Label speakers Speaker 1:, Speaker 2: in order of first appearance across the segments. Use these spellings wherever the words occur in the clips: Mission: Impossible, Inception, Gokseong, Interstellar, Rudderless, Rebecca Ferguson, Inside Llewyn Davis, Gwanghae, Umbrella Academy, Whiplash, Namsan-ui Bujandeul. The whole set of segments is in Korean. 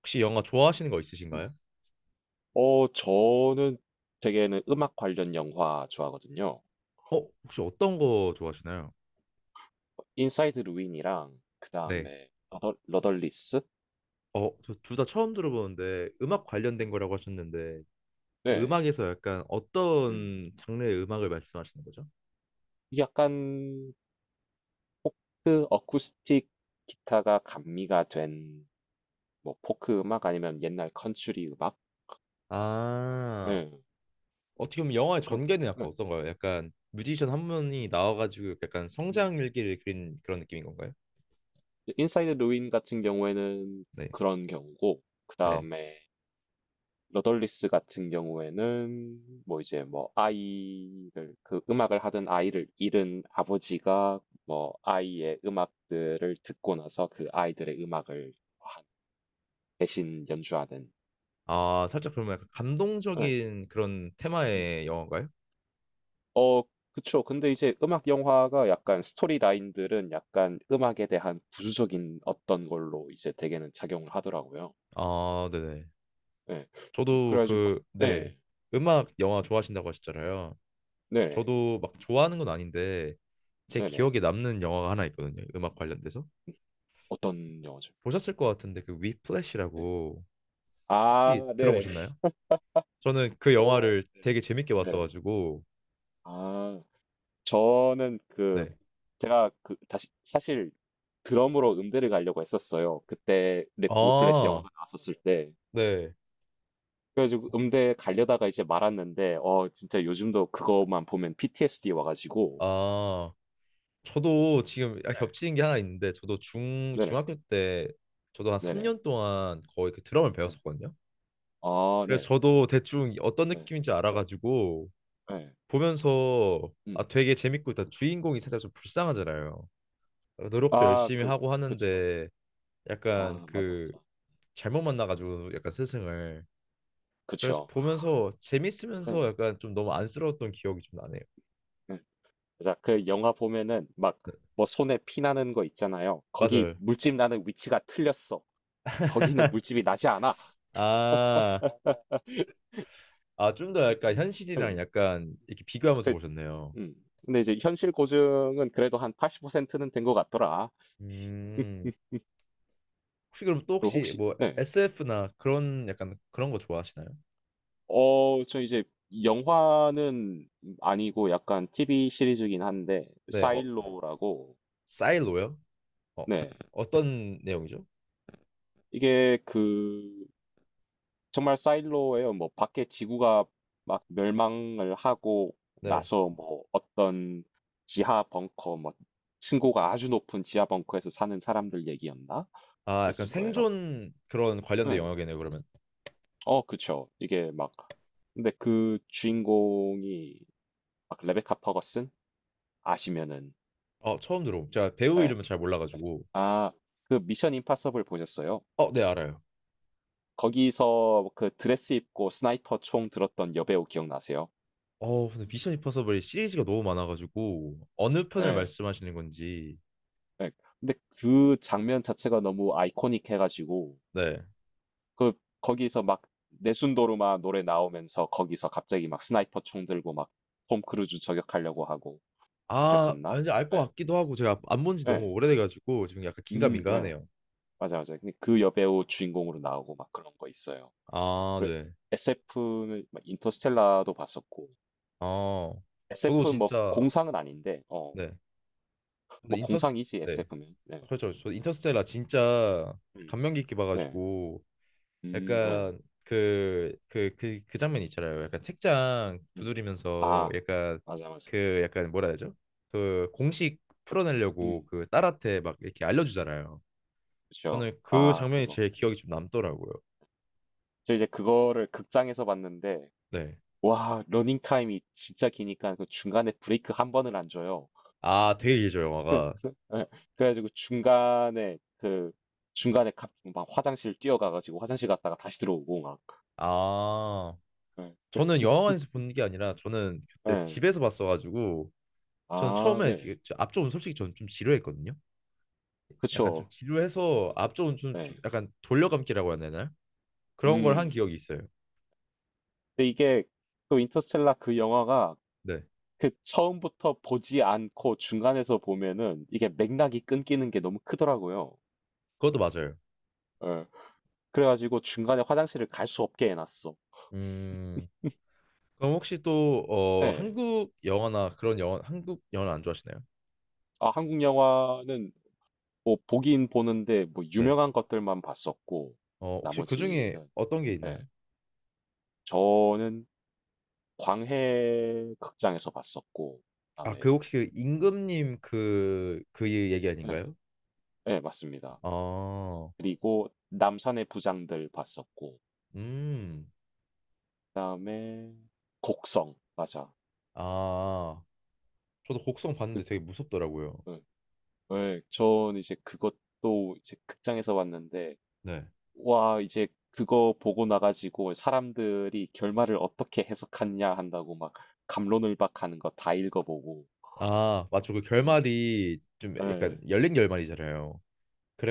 Speaker 1: 혹시 영화 좋아하시는 거
Speaker 2: 음.
Speaker 1: 있으신가요?
Speaker 2: 저는 되게는 음악 관련 영화 좋아하거든요.
Speaker 1: 어, 혹시 어떤 거 좋아하시나요?
Speaker 2: 인사이드 루인이랑
Speaker 1: 네.
Speaker 2: 그다음에 러 러덜리스?
Speaker 1: 어, 저 둘 다 처음 들어보는데 음악
Speaker 2: 음.
Speaker 1: 관련된 거라고 하셨는데 그
Speaker 2: 네.
Speaker 1: 음악에서 약간
Speaker 2: 음.
Speaker 1: 어떤 장르의 음악을 말씀하시는 거죠?
Speaker 2: 약간 포크 어쿠스틱 기타가 감미가 된 뭐 포크 음악 아니면 옛날 컨츄리 음악?
Speaker 1: 아,
Speaker 2: 네.
Speaker 1: 어떻게 보면 영화의
Speaker 2: 그런
Speaker 1: 전개는
Speaker 2: 네.
Speaker 1: 약간 어떤가요? 약간 뮤지션 한 분이
Speaker 2: 음.
Speaker 1: 나와가지고 약간
Speaker 2: 음.
Speaker 1: 성장 일기를 그린 그런 느낌인 건가요?
Speaker 2: 인사이드 루인 같은 경우에는
Speaker 1: 네.
Speaker 2: 그런 경우고
Speaker 1: 네.
Speaker 2: 그다음에 러덜리스 같은 경우에는 뭐 이제 뭐 아이를 그 음악을 하던 아이를 잃은 아버지가 뭐 아이의 음악들을 듣고 나서 그 아이들의 음악을 하- 대신 연주하는.
Speaker 1: 아, 살짝 그러면 약간
Speaker 2: 응.
Speaker 1: 감동적인 그런
Speaker 2: 음.
Speaker 1: 테마의 영화인가요?
Speaker 2: 어, 그쵸. 근데 이제 음악 영화가 약간 스토리 라인들은 약간 음악에 대한 부수적인 어떤 걸로 이제 대개는 작용을 하더라고요.
Speaker 1: 아, 네네.
Speaker 2: 예.
Speaker 1: 저도
Speaker 2: 그래가지고,
Speaker 1: 그, 네,
Speaker 2: 네,
Speaker 1: 음악, 영화 좋아하신다고 하셨잖아요.
Speaker 2: 네네,
Speaker 1: 저도 막 좋아하는 건 아닌데 제
Speaker 2: 네네.
Speaker 1: 기억에 남는 영화가 하나 있거든요. 음악 관련돼서.
Speaker 2: 어떤 영화죠?
Speaker 1: 보셨을 것 같은데 그
Speaker 2: 네.
Speaker 1: 위플래시라고 혹시
Speaker 2: 아, 네네.
Speaker 1: 들어보셨나요? 저는 그
Speaker 2: 저
Speaker 1: 영화를
Speaker 2: 네네.
Speaker 1: 되게 재밌게
Speaker 2: 네네.
Speaker 1: 봤어가지고.
Speaker 2: 아 저는 그
Speaker 1: 네.
Speaker 2: 제가 그 다시 사실 드럼으로 음대를 가려고 했었어요. 그때 랩 위플래시
Speaker 1: 아,
Speaker 2: 영어가 나왔었을 때.
Speaker 1: 네.
Speaker 2: 그래가지고 음대 가려다가 이제 말았는데 진짜 요즘도 그것만 보면 PTSD 와가지고.
Speaker 1: 아, 저도 지금 약간
Speaker 2: 네.
Speaker 1: 겹치는 게 하나 있는데 저도 중
Speaker 2: 네네.
Speaker 1: 중학교 때 저도 한
Speaker 2: 네네.
Speaker 1: 3년 동안 거의 그 드럼을
Speaker 2: 네.
Speaker 1: 배웠었거든요.
Speaker 2: 아
Speaker 1: 그래서
Speaker 2: 네네.
Speaker 1: 저도 대충 어떤
Speaker 2: 네.
Speaker 1: 느낌인지
Speaker 2: 네.
Speaker 1: 알아가지고
Speaker 2: 네.
Speaker 1: 보면서
Speaker 2: 음.
Speaker 1: 아 되게 재밌고 일단 주인공이 살짝 좀 불쌍하잖아요. 노력도
Speaker 2: 아
Speaker 1: 열심히
Speaker 2: 그.
Speaker 1: 하고
Speaker 2: 그쵸.
Speaker 1: 하는데 약간
Speaker 2: 아 맞아
Speaker 1: 그
Speaker 2: 맞아.
Speaker 1: 잘못 만나가지고 약간
Speaker 2: 음.
Speaker 1: 스승을. 그래서
Speaker 2: 그쵸.
Speaker 1: 보면서
Speaker 2: 네. 네.
Speaker 1: 재밌으면서 약간 좀 너무 안쓰러웠던 기억이 좀 나네요.
Speaker 2: 그래서 그 영화 보면은 막
Speaker 1: 네,
Speaker 2: 뭐 손에 피 나는 거 있잖아요. 거기
Speaker 1: 맞아요.
Speaker 2: 물집 나는 위치가 틀렸어. 거기는 물집이 나지 않아.
Speaker 1: 아, 아 좀 더 약간 현실이랑
Speaker 2: 응,
Speaker 1: 약간 이렇게 비교하면서
Speaker 2: 그,
Speaker 1: 보셨네요.
Speaker 2: 음. 근데 이제 현실 고증은 그래도 한 80%는 된 것 같더라.
Speaker 1: 음, 혹시 그럼 또
Speaker 2: 그리고
Speaker 1: 혹시
Speaker 2: 혹시,
Speaker 1: 뭐
Speaker 2: 네.
Speaker 1: SF나 그런 약간 그런 거 좋아하시나요?
Speaker 2: 어, 저 이제 영화는 아니고 약간 TV 시리즈긴 한데,
Speaker 1: 네, 어,
Speaker 2: 사일로라고,
Speaker 1: 사일로요? 어,
Speaker 2: 네.
Speaker 1: 어떤 내용이죠?
Speaker 2: 이게 그 정말 사일로예요. 뭐 밖에 지구가 막 멸망을 하고
Speaker 1: 네.
Speaker 2: 나서 뭐 어떤 지하 벙커 뭐 층고가 아주 높은 지하 벙커에서 사는 사람들 얘기였나?
Speaker 1: 아, 약간
Speaker 2: 그랬을 거예요.
Speaker 1: 생존 그런 관련된
Speaker 2: 네.
Speaker 1: 영역이네요, 그러면.
Speaker 2: 어 그쵸. 이게 막 근데 그 주인공이 막 레베카 퍼거슨 아시면은.
Speaker 1: 어, 처음 들어. 제가 배우
Speaker 2: 예.
Speaker 1: 이름은 잘 몰라가지고.
Speaker 2: 아 그 미션 임파서블 보셨어요?
Speaker 1: 어, 네, 알아요.
Speaker 2: 거기서 그 드레스 입고 스나이퍼 총 들었던 여배우 기억나세요?
Speaker 1: 어, 근데 미션 임파서블이 시리즈가 너무 많아가지고 어느 편을
Speaker 2: 예.
Speaker 1: 말씀하시는 건지.
Speaker 2: 네. 근데 그 장면 자체가 너무 아이코닉 해가지고
Speaker 1: 네.
Speaker 2: 그 거기서 막 내순도르마 노래 나오면서 거기서 갑자기 막 스나이퍼 총 들고 막 톰 크루즈 저격하려고 하고.
Speaker 1: 아,
Speaker 2: 그랬었나?
Speaker 1: 이제 알 것
Speaker 2: 네.
Speaker 1: 같기도 하고 제가 안 본 지 너무
Speaker 2: 네.
Speaker 1: 오래돼가지고 지금 약간
Speaker 2: 네.
Speaker 1: 긴가민가하네요.
Speaker 2: 맞아, 맞아. 근데 그 여배우 주인공으로 나오고 막 그런 거 있어요.
Speaker 1: 아, 네.
Speaker 2: SF는 인터스텔라도 봤었고
Speaker 1: 아, 저도
Speaker 2: SF 뭐
Speaker 1: 진짜
Speaker 2: 공상은 아닌데 어
Speaker 1: 네. 저도
Speaker 2: 뭐
Speaker 1: 인터.
Speaker 2: 공상이지
Speaker 1: 네.
Speaker 2: SF는. 네,
Speaker 1: 그렇죠. 저 인터스텔라 진짜
Speaker 2: 음,
Speaker 1: 감명 깊게
Speaker 2: 네,
Speaker 1: 봐가지고
Speaker 2: 네,
Speaker 1: 약간 그 장면 있잖아요. 약간 책장
Speaker 2: 음,
Speaker 1: 두드리면서
Speaker 2: 아
Speaker 1: 약간
Speaker 2: 맞아 맞아.
Speaker 1: 그 약간 뭐라 해야 되죠? 그 공식 풀어내려고
Speaker 2: 음.
Speaker 1: 그 딸한테 막 이렇게 알려주잖아요.
Speaker 2: 그쵸.
Speaker 1: 저는 그
Speaker 2: 아
Speaker 1: 장면이
Speaker 2: 그거.
Speaker 1: 제일 기억이 좀 남더라고요.
Speaker 2: 저 이제 그거를 극장에서 봤는데
Speaker 1: 네.
Speaker 2: 와 러닝 타임이 진짜 기니까 그 중간에 브레이크 한 번을 안 줘요.
Speaker 1: 아, 되게 길죠, 영화가.
Speaker 2: 예. 그래 가지고 중간에 그 중간에 갑 막 화장실 뛰어가 가지고 화장실 갔다가 다시 들어오고 막.
Speaker 1: 아,
Speaker 2: 예.
Speaker 1: 저는 영화관에서 본 게 아니라 저는 그때
Speaker 2: 예.
Speaker 1: 집에서 봤어가지고. 저는
Speaker 2: 아
Speaker 1: 처음에
Speaker 2: 네.
Speaker 1: 이게 저 앞쪽은 솔직히 저는 좀 지루했거든요. 약간 좀
Speaker 2: 그쵸.
Speaker 1: 지루해서 앞쪽은 좀
Speaker 2: 네.
Speaker 1: 약간 돌려감기라고 해야
Speaker 2: 음.
Speaker 1: 되나요? 그런 걸 한
Speaker 2: 음.
Speaker 1: 기억이 있어요.
Speaker 2: 근데 이게 또 인터스텔라 그 영화가
Speaker 1: 네,
Speaker 2: 그 처음부터 보지 않고 중간에서 보면은 이게 맥락이 끊기는 게 너무 크더라고요.
Speaker 1: 그것도 맞아요.
Speaker 2: 예. 그래 가지고 중간에 화장실을 갈 수 없게 해 놨어.
Speaker 1: 음, 그럼 혹시 또 어,
Speaker 2: 예.
Speaker 1: 한국 영화나 그런 영화, 한국 영화 안 좋아하시나요?
Speaker 2: 아 한국 영화는 뭐 보긴 보는데 뭐
Speaker 1: 네.
Speaker 2: 유명한 것들만 봤었고
Speaker 1: 어, 혹시 그 중에
Speaker 2: 나머지는.
Speaker 1: 어떤 게 있나요?
Speaker 2: 예. 저는 광해 극장에서 봤었고
Speaker 1: 아,
Speaker 2: 그다음에.
Speaker 1: 그 혹시 그 임금님 그, 그 얘기
Speaker 2: 예.
Speaker 1: 아닌가요?
Speaker 2: 예 맞습니다.
Speaker 1: 아,
Speaker 2: 그리고 남산의 부장들 봤었고
Speaker 1: 음,
Speaker 2: 그다음에 곡성 맞아.
Speaker 1: 아, 저도 곡성
Speaker 2: 그
Speaker 1: 봤는데 되게 무섭더라고요.
Speaker 2: 예. 예. 전 이제 그것도 이제 극장에서 봤는데
Speaker 1: 네.
Speaker 2: 와, 이제 그거 보고 나가지고 사람들이 결말을 어떻게 해석하냐 한다고 막 감론을박하는 거 다 읽어보고.
Speaker 1: 아, 맞죠. 그
Speaker 2: 음.
Speaker 1: 결말이 좀 약간
Speaker 2: 예,
Speaker 1: 열린 결말이잖아요.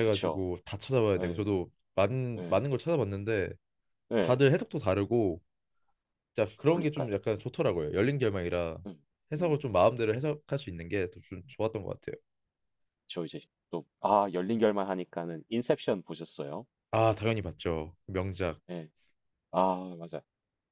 Speaker 2: 그쵸.
Speaker 1: 다 찾아봐야 되고
Speaker 2: 예,
Speaker 1: 저도 많은
Speaker 2: 예,
Speaker 1: 걸 찾아봤는데
Speaker 2: 예.
Speaker 1: 다들 해석도 다르고 자, 그런 게
Speaker 2: 그러니까요.
Speaker 1: 좀 약간 좋더라고요. 열린 결말이라
Speaker 2: 음,
Speaker 1: 해석을
Speaker 2: 음.
Speaker 1: 좀 마음대로 해석할 수 있는 게 좀 좋았던 것 같아요.
Speaker 2: 저 이제 또, 아, 열린 결말 하니까는 인셉션 보셨어요?
Speaker 1: 아, 당연히 봤죠. 명작.
Speaker 2: 예. 아, 맞아.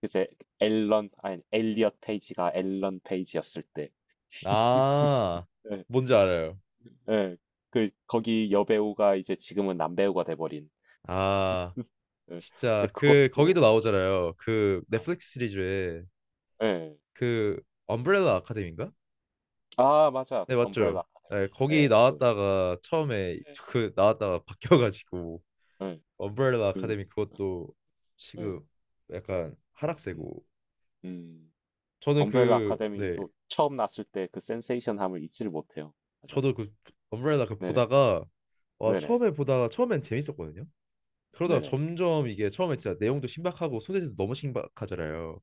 Speaker 2: 그제 앨런, 아니, 엘리엇 페이지가 앨런 페이지였을 때.
Speaker 1: 아,
Speaker 2: 예,
Speaker 1: 뭔지 알아요.
Speaker 2: 예. 그, 거기 여배우가 이제 지금은 남배우가 돼버린.
Speaker 1: 아,
Speaker 2: 예.
Speaker 1: 진짜
Speaker 2: 근데
Speaker 1: 그
Speaker 2: 그것도,
Speaker 1: 거기도 나오잖아요. 그
Speaker 2: 예,
Speaker 1: 넷플릭스 시리즈에
Speaker 2: 예.
Speaker 1: 그 엄브렐라 아카데미인가?
Speaker 2: 아 맞아.
Speaker 1: 네,
Speaker 2: 엄브렐라
Speaker 1: 맞죠. 네,
Speaker 2: 아카데미.
Speaker 1: 거기
Speaker 2: 예. 그
Speaker 1: 나왔다가 처음에
Speaker 2: 네.
Speaker 1: 그 나왔다가 바뀌어가지고.
Speaker 2: 예.
Speaker 1: 엄브렐라
Speaker 2: 그
Speaker 1: 아카데미 그것도
Speaker 2: 예.
Speaker 1: 지금 약간
Speaker 2: 음.
Speaker 1: 하락세고.
Speaker 2: 음.
Speaker 1: 저는
Speaker 2: 엄브렐라
Speaker 1: 그네
Speaker 2: 아카데미도 처음 났을 때 그 센세이션함을 잊지를 못해요. 맞아.
Speaker 1: 저도 그 엄브렐라 그
Speaker 2: 네네.
Speaker 1: 보다가 와
Speaker 2: 네네.
Speaker 1: 처음에 보다가 처음엔 재밌었거든요. 그러다가
Speaker 2: 네네.
Speaker 1: 점점 이게 처음에 진짜 내용도 신박하고 소재도 너무 신박하잖아요.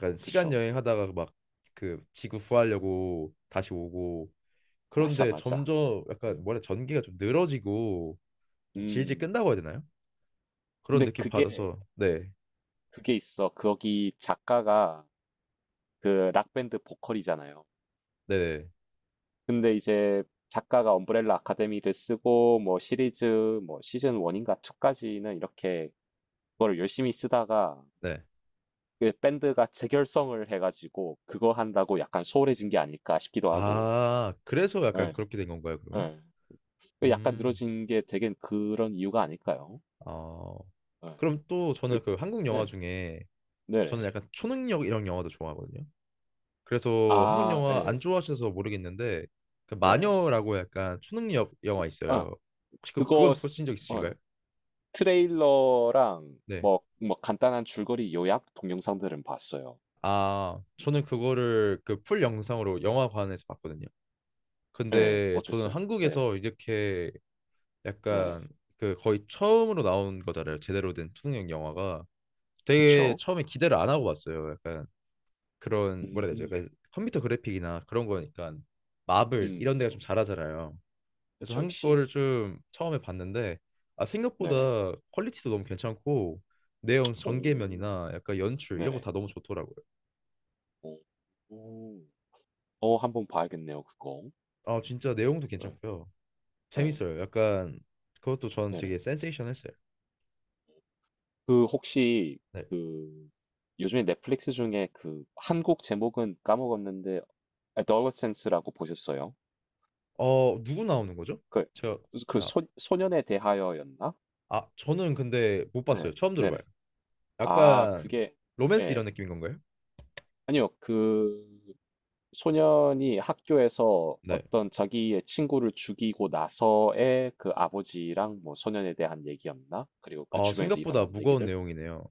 Speaker 2: 어
Speaker 1: 시간
Speaker 2: 그쵸.
Speaker 1: 여행하다가 막 그 지구 구하려고 다시 오고.
Speaker 2: 맞아,
Speaker 1: 그런데
Speaker 2: 맞아.
Speaker 1: 점점
Speaker 2: 네.
Speaker 1: 약간 뭐라 전개가 좀 늘어지고 좀 질질
Speaker 2: 음.
Speaker 1: 끈다고 해야 되나요? 그런
Speaker 2: 근데
Speaker 1: 느낌
Speaker 2: 그게
Speaker 1: 받아서 네,
Speaker 2: 그게 있어. 거기 작가가 그 락 밴드 보컬이잖아요.
Speaker 1: 네, 네.
Speaker 2: 근데 이제 작가가 엄브렐라 아카데미를 쓰고 뭐 시리즈 뭐 시즌 1 인가 2 까지는 이렇게 그거를 열심히 쓰다가
Speaker 1: 네.
Speaker 2: 그 밴드가 재결성을 해 가지고 그거 한다고 약간 소홀해진 게 아닐까 싶기도 하고.
Speaker 1: 아 그래서 약간
Speaker 2: 예.
Speaker 1: 그렇게 된 건가요 그러면?
Speaker 2: 예. 그 약간
Speaker 1: 음,
Speaker 2: 늘어진 게 되게 그런 이유가 아닐까요?
Speaker 1: 어.
Speaker 2: 예.
Speaker 1: 그럼 또
Speaker 2: 그
Speaker 1: 저는 그 한국 영화
Speaker 2: 네.
Speaker 1: 중에 저는
Speaker 2: 네네.
Speaker 1: 약간 초능력 이런 영화도 좋아하거든요. 그래서 한국
Speaker 2: 아
Speaker 1: 영화 안
Speaker 2: 예.
Speaker 1: 좋아하셔서 모르겠는데 그
Speaker 2: 네네.
Speaker 1: 마녀라고 약간 초능력 영화
Speaker 2: 아
Speaker 1: 있어요. 혹시 그
Speaker 2: 그거
Speaker 1: 그건
Speaker 2: 스
Speaker 1: 보신 적 있으신가요?
Speaker 2: 어 트레일러랑
Speaker 1: 네.
Speaker 2: 뭐 뭐 간단한 줄거리 요약 동영상들은 봤어요.
Speaker 1: 아, 저는 그거를 그 풀
Speaker 2: 음.
Speaker 1: 영상으로 영화관에서 봤거든요.
Speaker 2: 예.
Speaker 1: 근데 저는
Speaker 2: 어땠어요? 네네.
Speaker 1: 한국에서 이렇게
Speaker 2: 네네.
Speaker 1: 약간 그 거의 처음으로 나온 거잖아요. 제대로 된 초능력 영화가 되게
Speaker 2: 그쵸.
Speaker 1: 처음에 기대를 안 하고 봤어요. 약간 그런
Speaker 2: 음.
Speaker 1: 뭐라 해야 되죠?
Speaker 2: 음.
Speaker 1: 약간 컴퓨터 그래픽이나 그런 거니까 마블 이런 데가 좀
Speaker 2: 그쵸.
Speaker 1: 잘하잖아요. 그래서
Speaker 2: 그쵸.
Speaker 1: 한국
Speaker 2: 역시.
Speaker 1: 거를 좀 처음에 봤는데 아
Speaker 2: 네네.
Speaker 1: 생각보다 퀄리티도 너무 괜찮고 내용
Speaker 2: 오.
Speaker 1: 전개면이나 약간 연출 이런 거
Speaker 2: 네네.
Speaker 1: 다 너무 좋더라고요.
Speaker 2: 오. 오. 어 한번 봐야겠네요 그거.
Speaker 1: 아 진짜 내용도
Speaker 2: 네.
Speaker 1: 괜찮고요.
Speaker 2: 네,
Speaker 1: 재밌어요. 약간 그것도 전 되게
Speaker 2: 네네.
Speaker 1: 센세이션했어요.
Speaker 2: 그 혹시
Speaker 1: 네.
Speaker 2: 그 요즘에 넷플릭스 중에 그 한국 제목은 까먹었는데 Adolescence라고 보셨어요?
Speaker 1: 어 누구 나오는 거죠?
Speaker 2: 그
Speaker 1: 제가
Speaker 2: 그
Speaker 1: 잘 아,
Speaker 2: 소 소년에 대하여였나?
Speaker 1: 아 저는 근데 못 봤어요.
Speaker 2: 네.
Speaker 1: 처음 들어봐요.
Speaker 2: 네네. 아
Speaker 1: 약간
Speaker 2: 그게
Speaker 1: 로맨스 이런
Speaker 2: 예.
Speaker 1: 느낌인 건가요?
Speaker 2: 아니요. 그 소년이 학교에서
Speaker 1: 네.
Speaker 2: 어떤 자기의 친구를 죽이고 나서의 그 아버지랑 뭐 소년에 대한 얘기였나? 그리고 그
Speaker 1: 아
Speaker 2: 주변에서
Speaker 1: 생각보다
Speaker 2: 일어난
Speaker 1: 무거운
Speaker 2: 얘기들.
Speaker 1: 내용이네요.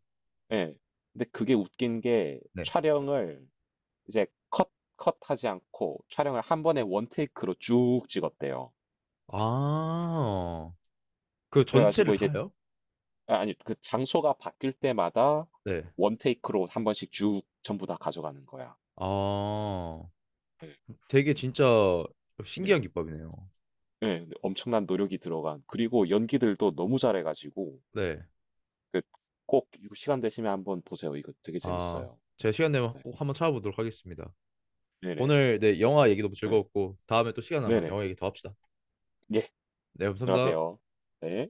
Speaker 2: 예. 근데 그게 웃긴 게
Speaker 1: 네.
Speaker 2: 촬영을 이제 컷하지 않고 촬영을 한 번에 원테이크로 쭉 찍었대요.
Speaker 1: 아 그 전체를
Speaker 2: 그래가지고 이제
Speaker 1: 다요?
Speaker 2: 아, 아니 그 장소가 바뀔 때마다
Speaker 1: 네.
Speaker 2: 원테이크로 한 번씩 쭉 전부 다 가져가는 거야.
Speaker 1: 아.
Speaker 2: 예.
Speaker 1: 되게 진짜 신기한
Speaker 2: 예.
Speaker 1: 기법이네요.
Speaker 2: 예. 엄청난 노력이 들어간. 그리고 연기들도 너무 잘해가지고
Speaker 1: 네.
Speaker 2: 그 꼭 이거 시간 되시면 한번 보세요. 이거 되게
Speaker 1: 아,
Speaker 2: 재밌어요.
Speaker 1: 제가 시간 되면
Speaker 2: 네.
Speaker 1: 꼭 한번 찾아보도록 하겠습니다.
Speaker 2: 네네.
Speaker 1: 오늘 네, 영화 얘기도
Speaker 2: 네.
Speaker 1: 즐거웠고 다음에 또 시간 나면
Speaker 2: 네네.
Speaker 1: 영화 얘기 더 합시다.
Speaker 2: 예.
Speaker 1: 네, 감사합니다.
Speaker 2: 들어가세요. 네.